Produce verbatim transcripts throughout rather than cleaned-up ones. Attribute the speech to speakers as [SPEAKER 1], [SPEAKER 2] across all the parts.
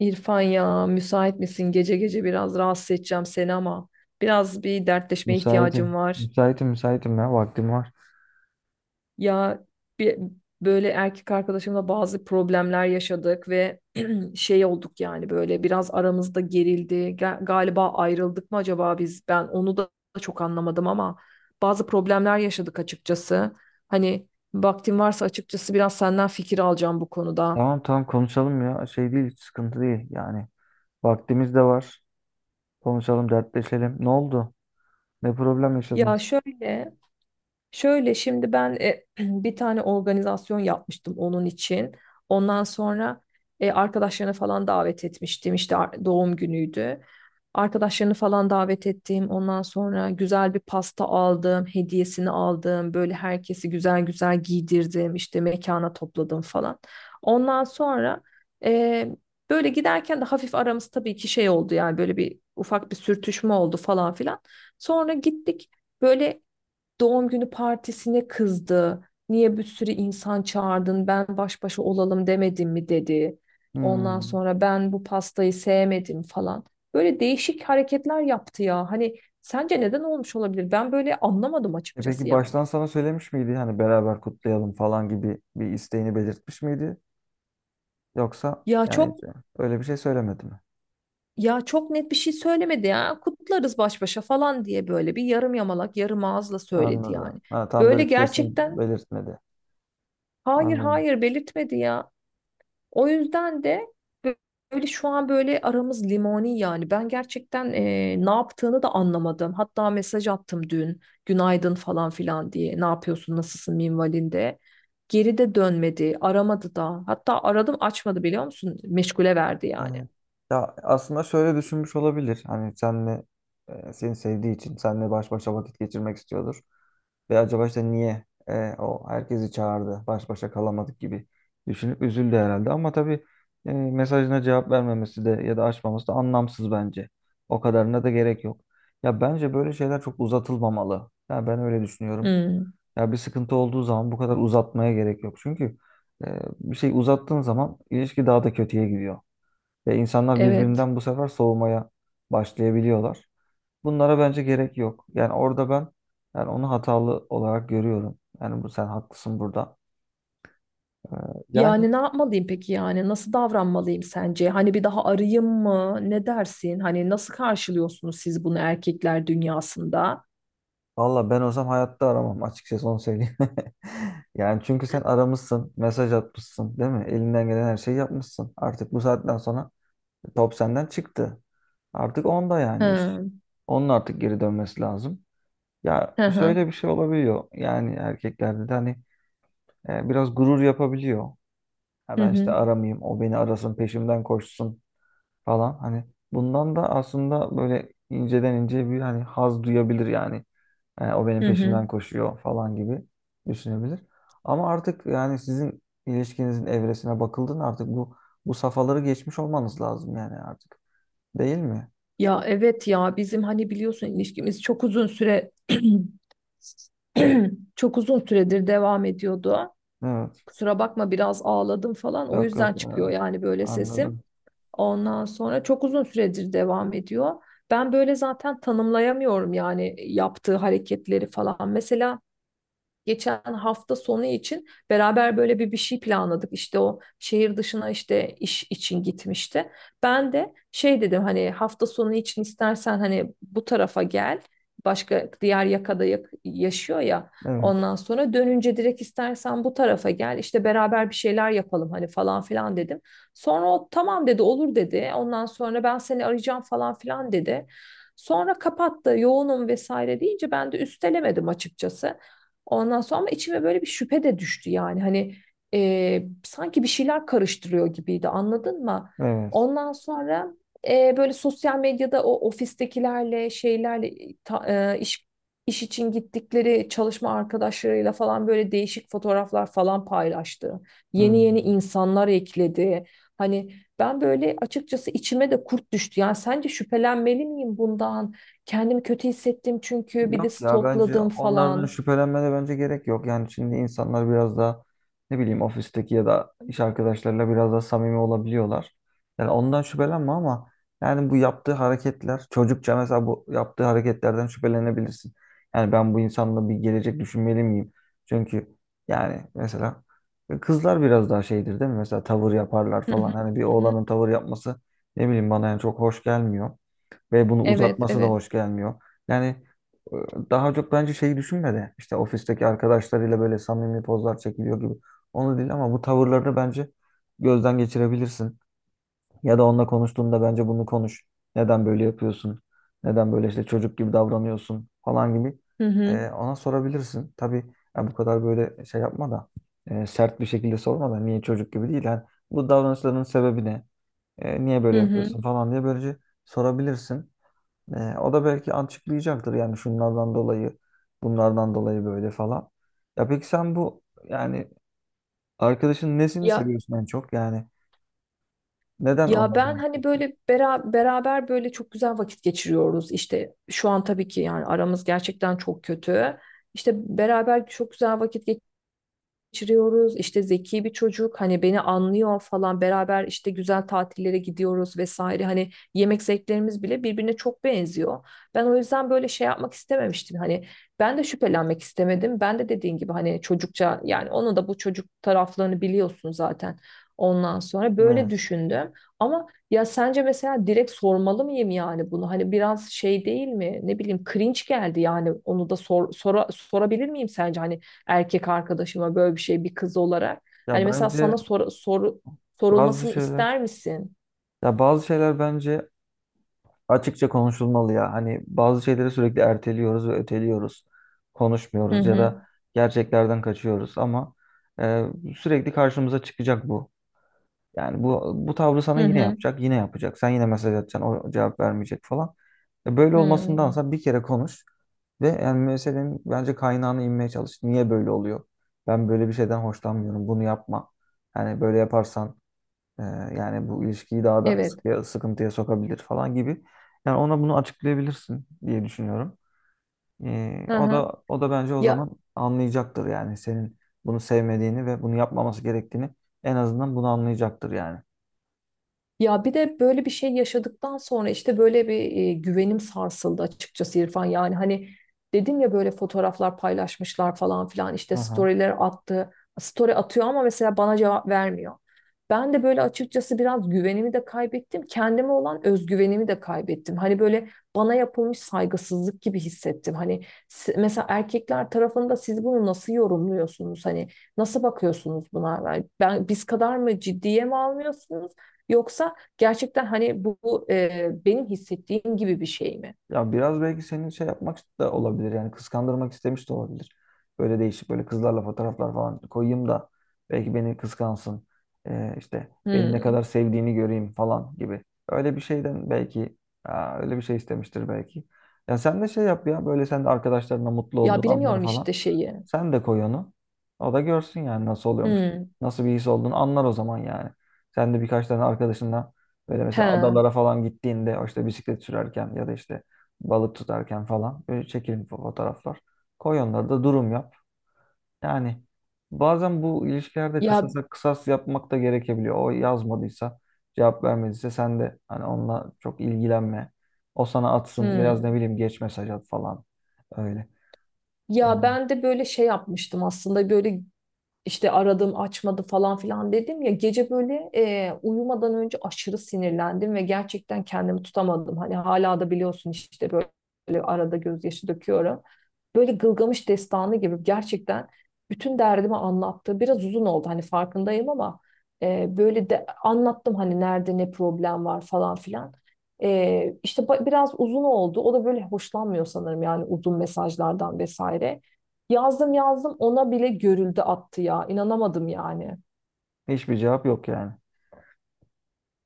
[SPEAKER 1] İrfan, ya müsait misin? Gece gece biraz rahatsız edeceğim seni ama biraz bir dertleşmeye ihtiyacım
[SPEAKER 2] Müsaitim.
[SPEAKER 1] var.
[SPEAKER 2] Müsaitim müsaitim ya vaktim var.
[SPEAKER 1] Ya bir, böyle erkek arkadaşımla bazı problemler yaşadık ve şey olduk yani böyle biraz aramızda gerildi. Ga- Galiba ayrıldık mı acaba biz? Ben onu da çok anlamadım ama bazı problemler yaşadık açıkçası. Hani vaktin varsa açıkçası biraz senden fikir alacağım bu konuda.
[SPEAKER 2] Tamam tamam konuşalım ya şey değil hiç sıkıntı değil yani. Vaktimiz de var. Konuşalım dertleşelim. Ne oldu? Ne problem
[SPEAKER 1] Ya
[SPEAKER 2] yaşadınız?
[SPEAKER 1] şöyle Şöyle şimdi ben e, bir tane organizasyon yapmıştım onun için. Ondan sonra e, arkadaşlarını falan davet etmiştim. İşte ar- doğum günüydü. Arkadaşlarını falan davet ettim. Ondan sonra güzel bir pasta aldım, hediyesini aldım. Böyle herkesi güzel güzel giydirdim. İşte mekana topladım falan. Ondan sonra e, böyle giderken de hafif aramız tabii ki şey oldu yani böyle bir ufak bir sürtüşme oldu falan filan. Sonra gittik böyle doğum günü partisine kızdı. Niye bir sürü insan çağırdın? Ben baş başa olalım demedim mi dedi. Ondan
[SPEAKER 2] Hmm.
[SPEAKER 1] sonra ben bu pastayı sevmedim falan. Böyle değişik hareketler yaptı ya. Hani sence neden olmuş olabilir? Ben böyle anlamadım
[SPEAKER 2] E
[SPEAKER 1] açıkçası
[SPEAKER 2] peki
[SPEAKER 1] yani.
[SPEAKER 2] baştan sana söylemiş miydi? Hani beraber kutlayalım falan gibi bir isteğini belirtmiş miydi? Yoksa
[SPEAKER 1] Ya
[SPEAKER 2] yani
[SPEAKER 1] çok
[SPEAKER 2] hiç öyle bir şey söylemedi mi?
[SPEAKER 1] ya çok net bir şey söylemedi ya. Kutlarız baş başa falan diye böyle bir yarım yamalak, yarım ağızla söyledi
[SPEAKER 2] Anladım.
[SPEAKER 1] yani.
[SPEAKER 2] Ha, tam
[SPEAKER 1] Böyle
[SPEAKER 2] böyle kesin
[SPEAKER 1] gerçekten
[SPEAKER 2] belirtmedi.
[SPEAKER 1] hayır
[SPEAKER 2] Anladım.
[SPEAKER 1] hayır belirtmedi ya. O yüzden de böyle şu an böyle aramız limoni yani. Ben gerçekten e, ne yaptığını da anlamadım. Hatta mesaj attım dün. Günaydın falan filan diye. Ne yapıyorsun, nasılsın minvalinde. Geri de dönmedi, aramadı da. Hatta aradım açmadı biliyor musun? Meşgule verdi yani.
[SPEAKER 2] Evet. Ya aslında şöyle düşünmüş olabilir. Hani senle e, seni sevdiği için seninle baş başa vakit geçirmek istiyordur. Ve acaba işte niye e, o herkesi çağırdı, baş başa kalamadık gibi düşünüp üzüldü herhalde. Ama tabii e, mesajına cevap vermemesi de ya da açmaması da anlamsız bence. O kadarına da gerek yok. Ya bence böyle şeyler çok uzatılmamalı. Ya ben öyle düşünüyorum.
[SPEAKER 1] Hmm,
[SPEAKER 2] Ya bir sıkıntı olduğu zaman bu kadar uzatmaya gerek yok. Çünkü e, bir şey uzattığın zaman ilişki daha da kötüye gidiyor. Ve insanlar
[SPEAKER 1] evet.
[SPEAKER 2] birbirinden bu sefer soğumaya başlayabiliyorlar. Bunlara bence gerek yok. Yani orada ben yani onu hatalı olarak görüyorum. Yani bu sen haklısın burada. Ee, yani
[SPEAKER 1] Yani ne yapmalıyım peki yani? Nasıl davranmalıyım sence? Hani bir daha arayayım mı? Ne dersin? Hani nasıl karşılıyorsunuz siz bunu erkekler dünyasında?
[SPEAKER 2] valla ben olsam hayatta aramam açıkçası onu söyleyeyim. Yani çünkü sen aramışsın, mesaj atmışsın, değil mi? Elinden gelen her şeyi yapmışsın. Artık bu saatten sonra top senden çıktı. Artık onda yani iş.
[SPEAKER 1] Hı
[SPEAKER 2] Onun artık geri dönmesi lazım. Ya
[SPEAKER 1] hı, hı
[SPEAKER 2] şöyle bir şey olabiliyor. Yani erkeklerde de hani E, biraz gurur yapabiliyor. Ha
[SPEAKER 1] hı,
[SPEAKER 2] ben işte
[SPEAKER 1] hı.
[SPEAKER 2] aramayayım, o beni arasın, peşimden koşsun falan. Hani bundan da aslında böyle inceden ince bir hani haz duyabilir yani. E, o benim
[SPEAKER 1] Hı hı.
[SPEAKER 2] peşimden koşuyor falan gibi düşünebilir. Ama artık yani sizin ilişkinizin evresine bakıldığında artık bu bu safhaları geçmiş olmanız lazım yani artık. Değil mi?
[SPEAKER 1] Ya evet, ya bizim hani biliyorsun ilişkimiz çok uzun süre çok uzun süredir devam ediyordu.
[SPEAKER 2] Evet.
[SPEAKER 1] Kusura bakma biraz ağladım falan, o
[SPEAKER 2] Yok yok.
[SPEAKER 1] yüzden çıkıyor
[SPEAKER 2] Evet.
[SPEAKER 1] yani böyle sesim.
[SPEAKER 2] Anladım.
[SPEAKER 1] Ondan sonra çok uzun süredir devam ediyor. Ben böyle zaten tanımlayamıyorum yani yaptığı hareketleri falan. Mesela geçen hafta sonu için beraber böyle bir bir şey planladık. İşte o şehir dışına işte iş için gitmişti. Ben de şey dedim, hani hafta sonu için istersen hani bu tarafa gel. Başka diğer yakada yak- yaşıyor ya.
[SPEAKER 2] Evet.
[SPEAKER 1] Ondan sonra dönünce direkt istersen bu tarafa gel. İşte beraber bir şeyler yapalım hani falan filan dedim. Sonra o tamam dedi, olur dedi. Ondan sonra ben seni arayacağım falan filan dedi. Sonra kapattı yoğunum vesaire deyince ben de üstelemedim açıkçası. Ondan sonra ama içime böyle bir şüphe de düştü yani hani e, sanki bir şeyler karıştırıyor gibiydi, anladın mı?
[SPEAKER 2] Evet.
[SPEAKER 1] Ondan sonra e, böyle sosyal medyada o ofistekilerle şeylerle ta- e, iş iş için gittikleri çalışma arkadaşlarıyla falan böyle değişik fotoğraflar falan paylaştı. Yeni yeni
[SPEAKER 2] Hmm.
[SPEAKER 1] insanlar ekledi. Hani ben böyle açıkçası içime de kurt düştü. Yani sence şüphelenmeli miyim bundan? Kendimi kötü hissettim çünkü bir de
[SPEAKER 2] Yok ya bence
[SPEAKER 1] stalkladım
[SPEAKER 2] onlardan
[SPEAKER 1] falan.
[SPEAKER 2] şüphelenmene bence gerek yok. Yani şimdi insanlar biraz daha ne bileyim ofisteki ya da iş arkadaşlarıyla biraz daha samimi olabiliyorlar. Yani ondan şüphelenme ama yani bu yaptığı hareketler çocukça mesela bu yaptığı hareketlerden şüphelenebilirsin. Yani ben bu insanla bir gelecek düşünmeli miyim? Çünkü yani mesela kızlar biraz daha şeydir değil mi? Mesela tavır yaparlar
[SPEAKER 1] Hı
[SPEAKER 2] falan.
[SPEAKER 1] hı,
[SPEAKER 2] Hani bir
[SPEAKER 1] hı hı.
[SPEAKER 2] oğlanın tavır yapması ne bileyim bana yani çok hoş gelmiyor ve bunu
[SPEAKER 1] Evet,
[SPEAKER 2] uzatması da
[SPEAKER 1] evet.
[SPEAKER 2] hoş gelmiyor. Yani e, daha çok bence şeyi düşünme de işte ofisteki arkadaşlarıyla böyle samimi pozlar çekiliyor gibi. Onu değil ama bu tavırlarını bence gözden geçirebilirsin. Ya da onunla konuştuğunda bence bunu konuş. Neden böyle yapıyorsun? Neden böyle işte çocuk gibi davranıyorsun falan gibi.
[SPEAKER 1] Hı hı,
[SPEAKER 2] E, ona sorabilirsin. Tabii ya bu kadar böyle şey yapma da e, sert bir şekilde sorma da niye çocuk gibi değil. Yani bu davranışların sebebi ne? E, niye böyle
[SPEAKER 1] hı hı.
[SPEAKER 2] yapıyorsun falan diye böylece sorabilirsin. E, o da belki açıklayacaktır yani şunlardan dolayı, bunlardan dolayı böyle falan. Ya peki sen bu yani arkadaşın nesini
[SPEAKER 1] Ya
[SPEAKER 2] seviyorsun en çok? Yani neden
[SPEAKER 1] ya
[SPEAKER 2] onunla
[SPEAKER 1] ben
[SPEAKER 2] birlikte?
[SPEAKER 1] hani böyle bera- beraber böyle çok güzel vakit geçiriyoruz. İşte şu an tabii ki yani aramız gerçekten çok kötü. İşte beraber çok güzel vakit geçiriyoruz. İşte zeki bir çocuk, hani beni anlıyor falan, beraber işte güzel tatillere gidiyoruz vesaire. Hani yemek zevklerimiz bile birbirine çok benziyor. Ben o yüzden böyle şey yapmak istememiştim. Hani ben de şüphelenmek istemedim. Ben de dediğin gibi hani çocukça yani, onu da, bu çocuk taraflarını biliyorsun zaten. Ondan sonra böyle
[SPEAKER 2] Evet.
[SPEAKER 1] düşündüm. Ama ya sence mesela direkt sormalı mıyım yani bunu? Hani biraz şey değil mi? Ne bileyim cringe geldi yani, onu da sor, sora- sorabilir miyim sence? Hani erkek arkadaşıma böyle bir şey, bir kız olarak.
[SPEAKER 2] Ya
[SPEAKER 1] Hani mesela
[SPEAKER 2] bence
[SPEAKER 1] sana sor, soru-
[SPEAKER 2] bazı
[SPEAKER 1] sorulmasını
[SPEAKER 2] şeyler,
[SPEAKER 1] ister misin?
[SPEAKER 2] ya bazı şeyler bence açıkça konuşulmalı ya. Hani bazı şeyleri sürekli erteliyoruz ve öteliyoruz.
[SPEAKER 1] Hı
[SPEAKER 2] Konuşmuyoruz ya
[SPEAKER 1] hı.
[SPEAKER 2] da gerçeklerden kaçıyoruz ama e, sürekli karşımıza çıkacak bu. Yani bu bu tavrı sana
[SPEAKER 1] Hı
[SPEAKER 2] yine
[SPEAKER 1] hı.
[SPEAKER 2] yapacak, yine yapacak. Sen yine mesaj atacaksın, o cevap vermeyecek falan. E böyle
[SPEAKER 1] Hı.
[SPEAKER 2] olmasındansa bir kere konuş ve yani meselenin bence kaynağına inmeye çalış. Niye böyle oluyor? Ben böyle bir şeyden hoşlanmıyorum. Bunu yapma. Yani böyle yaparsan e, yani bu ilişkiyi daha da
[SPEAKER 1] Evet.
[SPEAKER 2] sıkıya- sıkıntıya sokabilir falan gibi. Yani ona bunu açıklayabilirsin diye düşünüyorum. E,
[SPEAKER 1] Hı
[SPEAKER 2] o
[SPEAKER 1] hı.
[SPEAKER 2] da o da bence o
[SPEAKER 1] Ya
[SPEAKER 2] zaman anlayacaktır yani senin bunu sevmediğini ve bunu yapmaması gerektiğini en azından bunu anlayacaktır yani.
[SPEAKER 1] Ya bir de böyle bir şey yaşadıktan sonra işte böyle bir e, güvenim sarsıldı açıkçası İrfan. Yani hani dedim ya böyle fotoğraflar paylaşmışlar falan filan, işte
[SPEAKER 2] Aha.
[SPEAKER 1] storyler attı. Story atıyor ama mesela bana cevap vermiyor. Ben de böyle açıkçası biraz güvenimi de kaybettim. Kendime olan özgüvenimi de kaybettim. Hani böyle bana yapılmış saygısızlık gibi hissettim. Hani si- mesela erkekler tarafında siz bunu nasıl yorumluyorsunuz? Hani nasıl bakıyorsunuz buna? Yani ben biz kadar mı ciddiye mi almıyorsunuz? Yoksa gerçekten hani bu, bu, e, benim hissettiğim gibi bir şey mi?
[SPEAKER 2] Ya biraz belki senin şey yapmak da olabilir yani kıskandırmak istemiş de olabilir. Böyle değişik böyle kızlarla fotoğraflar falan koyayım da belki beni kıskansın. Ee, işte beni ne kadar
[SPEAKER 1] Hmm.
[SPEAKER 2] sevdiğini göreyim falan gibi. Öyle bir şeyden belki aa, öyle bir şey istemiştir belki. Ya sen de şey yap ya böyle sen de arkadaşlarına mutlu
[SPEAKER 1] Ya
[SPEAKER 2] olduğun anları
[SPEAKER 1] bilemiyorum
[SPEAKER 2] falan.
[SPEAKER 1] işte şeyi.
[SPEAKER 2] Sen de koy onu. O da görsün yani nasıl oluyormuş.
[SPEAKER 1] Hmm.
[SPEAKER 2] Nasıl bir his olduğunu anlar o zaman yani. Sen de birkaç tane arkadaşınla böyle mesela
[SPEAKER 1] He.
[SPEAKER 2] adalara falan gittiğinde o işte bisiklet sürerken ya da işte balık tutarken falan böyle çekin fotoğraflar. Koy onları da durum yap. Yani bazen bu ilişkilerde
[SPEAKER 1] Ya
[SPEAKER 2] kısasa kısas yapmak da gerekebiliyor. O yazmadıysa cevap vermediyse sen de hani onunla çok ilgilenme. O sana atsın biraz ne
[SPEAKER 1] hmm.
[SPEAKER 2] bileyim geç mesaj at falan. Öyle.
[SPEAKER 1] Ya
[SPEAKER 2] Yani
[SPEAKER 1] ben de böyle şey yapmıştım aslında, böyle İşte aradım açmadı falan filan dedim ya, gece böyle e, uyumadan önce aşırı sinirlendim ve gerçekten kendimi tutamadım. Hani hala da biliyorsun işte böyle arada gözyaşı döküyorum. Böyle Gılgamış Destanı gibi gerçekten bütün derdimi anlattı. Biraz uzun oldu, hani farkındayım ama e, böyle de anlattım hani nerede ne problem var falan filan. E, işte ba- biraz uzun oldu. O da böyle hoşlanmıyor sanırım yani uzun mesajlardan vesaire. Yazdım yazdım, ona bile görüldü attı ya. İnanamadım yani.
[SPEAKER 2] hiçbir cevap yok yani.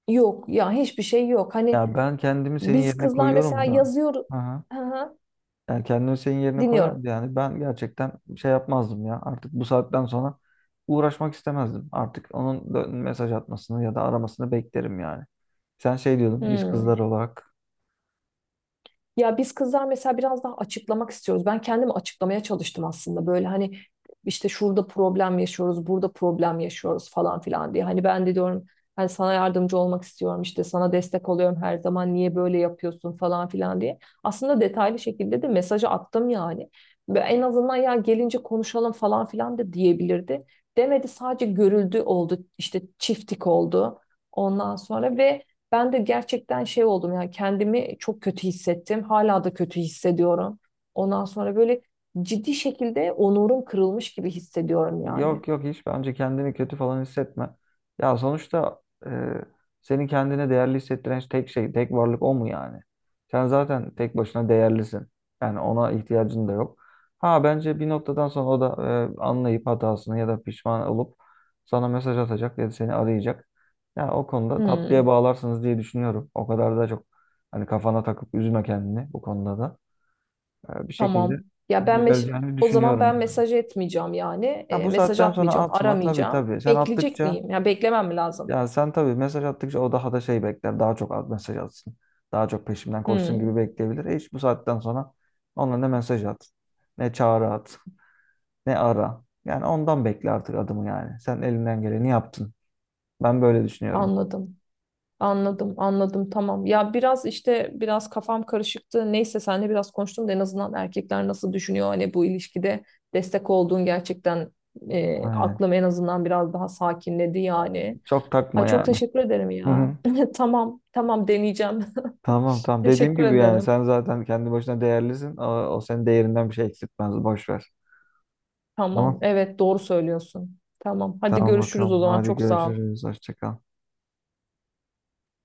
[SPEAKER 1] Yok ya, hiçbir şey yok. Hani
[SPEAKER 2] Ya ben kendimi senin
[SPEAKER 1] biz
[SPEAKER 2] yerine
[SPEAKER 1] kızlar mesela
[SPEAKER 2] koyuyorum da.
[SPEAKER 1] yazıyoruz.
[SPEAKER 2] Aha.
[SPEAKER 1] Hı hı,
[SPEAKER 2] Yani kendimi senin yerine koyuyorum
[SPEAKER 1] dinliyorum.
[SPEAKER 2] da yani ben gerçekten şey yapmazdım ya. Artık bu saatten sonra uğraşmak istemezdim. Artık onun dö- mesaj atmasını ya da aramasını beklerim yani. Sen şey diyordun biz kızlar
[SPEAKER 1] Hmm.
[SPEAKER 2] olarak.
[SPEAKER 1] Ya biz kızlar mesela biraz daha açıklamak istiyoruz. Ben kendimi açıklamaya çalıştım aslında. Böyle hani işte şurada problem yaşıyoruz, burada problem yaşıyoruz falan filan diye. Hani ben de diyorum hani sana yardımcı olmak istiyorum, işte sana destek oluyorum her zaman, niye böyle yapıyorsun falan filan diye. Aslında detaylı şekilde de mesajı attım yani. Ve en azından ya gelince konuşalım falan filan da diyebilirdi. Demedi, sadece görüldü oldu, işte çiftlik oldu ondan sonra ve ben de gerçekten şey oldum yani, kendimi çok kötü hissettim. Hala da kötü hissediyorum. Ondan sonra böyle ciddi şekilde onurum kırılmış gibi hissediyorum yani.
[SPEAKER 2] Yok yok hiç bence kendini kötü falan hissetme. Ya sonuçta e, seni kendine değerli hissettiren şey tek şey, tek varlık o mu yani? Sen zaten tek başına değerlisin. Yani ona ihtiyacın da yok. Ha bence bir noktadan sonra o da e, anlayıp hatasını ya da pişman olup sana mesaj atacak ya da seni arayacak. Ya o konuda tatlıya
[SPEAKER 1] Hmm,
[SPEAKER 2] bağlarsınız diye düşünüyorum. O kadar da çok hani kafana takıp üzme kendini bu konuda da. E, bir
[SPEAKER 1] tamam.
[SPEAKER 2] şekilde
[SPEAKER 1] Ya ben mes-
[SPEAKER 2] düzeleceğini
[SPEAKER 1] O zaman
[SPEAKER 2] düşünüyorum
[SPEAKER 1] ben
[SPEAKER 2] yani.
[SPEAKER 1] mesaj etmeyeceğim yani.
[SPEAKER 2] Ha,
[SPEAKER 1] E,
[SPEAKER 2] bu
[SPEAKER 1] mesaj
[SPEAKER 2] saatten sonra
[SPEAKER 1] atmayacağım,
[SPEAKER 2] atma tabii
[SPEAKER 1] aramayacağım.
[SPEAKER 2] tabii. Sen
[SPEAKER 1] Bekleyecek
[SPEAKER 2] attıkça
[SPEAKER 1] miyim? Ya beklemem mi lazım?
[SPEAKER 2] ya sen tabii mesaj attıkça o daha da şey bekler. Daha çok at mesaj atsın. Daha çok peşimden koşsun gibi
[SPEAKER 1] Hmm,
[SPEAKER 2] bekleyebilir. E hiç bu saatten sonra ona ne mesaj at, ne çağrı at, ne ara. Yani ondan bekle artık adımı yani. Sen elinden geleni yaptın. Ben böyle düşünüyorum.
[SPEAKER 1] anladım. Anladım, anladım. Tamam. Ya biraz işte biraz kafam karışıktı. Neyse seninle biraz konuştum da, en azından erkekler nasıl düşünüyor hani bu ilişkide destek olduğun, gerçekten e,
[SPEAKER 2] Aynen.
[SPEAKER 1] aklım en azından biraz daha sakinledi yani.
[SPEAKER 2] Çok
[SPEAKER 1] Ay
[SPEAKER 2] takma
[SPEAKER 1] çok
[SPEAKER 2] yani.
[SPEAKER 1] teşekkür ederim
[SPEAKER 2] Hı
[SPEAKER 1] ya.
[SPEAKER 2] hı.
[SPEAKER 1] Tamam, tamam, deneyeceğim.
[SPEAKER 2] Tamam tamam. Dediğim
[SPEAKER 1] Teşekkür
[SPEAKER 2] gibi yani
[SPEAKER 1] ederim.
[SPEAKER 2] sen zaten kendi başına değerlisin. O, o senin değerinden bir şey eksiltmez. Boş ver.
[SPEAKER 1] Tamam.
[SPEAKER 2] Tamam.
[SPEAKER 1] Evet, doğru söylüyorsun. Tamam. Hadi
[SPEAKER 2] Tamam
[SPEAKER 1] görüşürüz o
[SPEAKER 2] bakalım.
[SPEAKER 1] zaman.
[SPEAKER 2] Hadi
[SPEAKER 1] Çok sağ ol.
[SPEAKER 2] görüşürüz. Hoşça kal.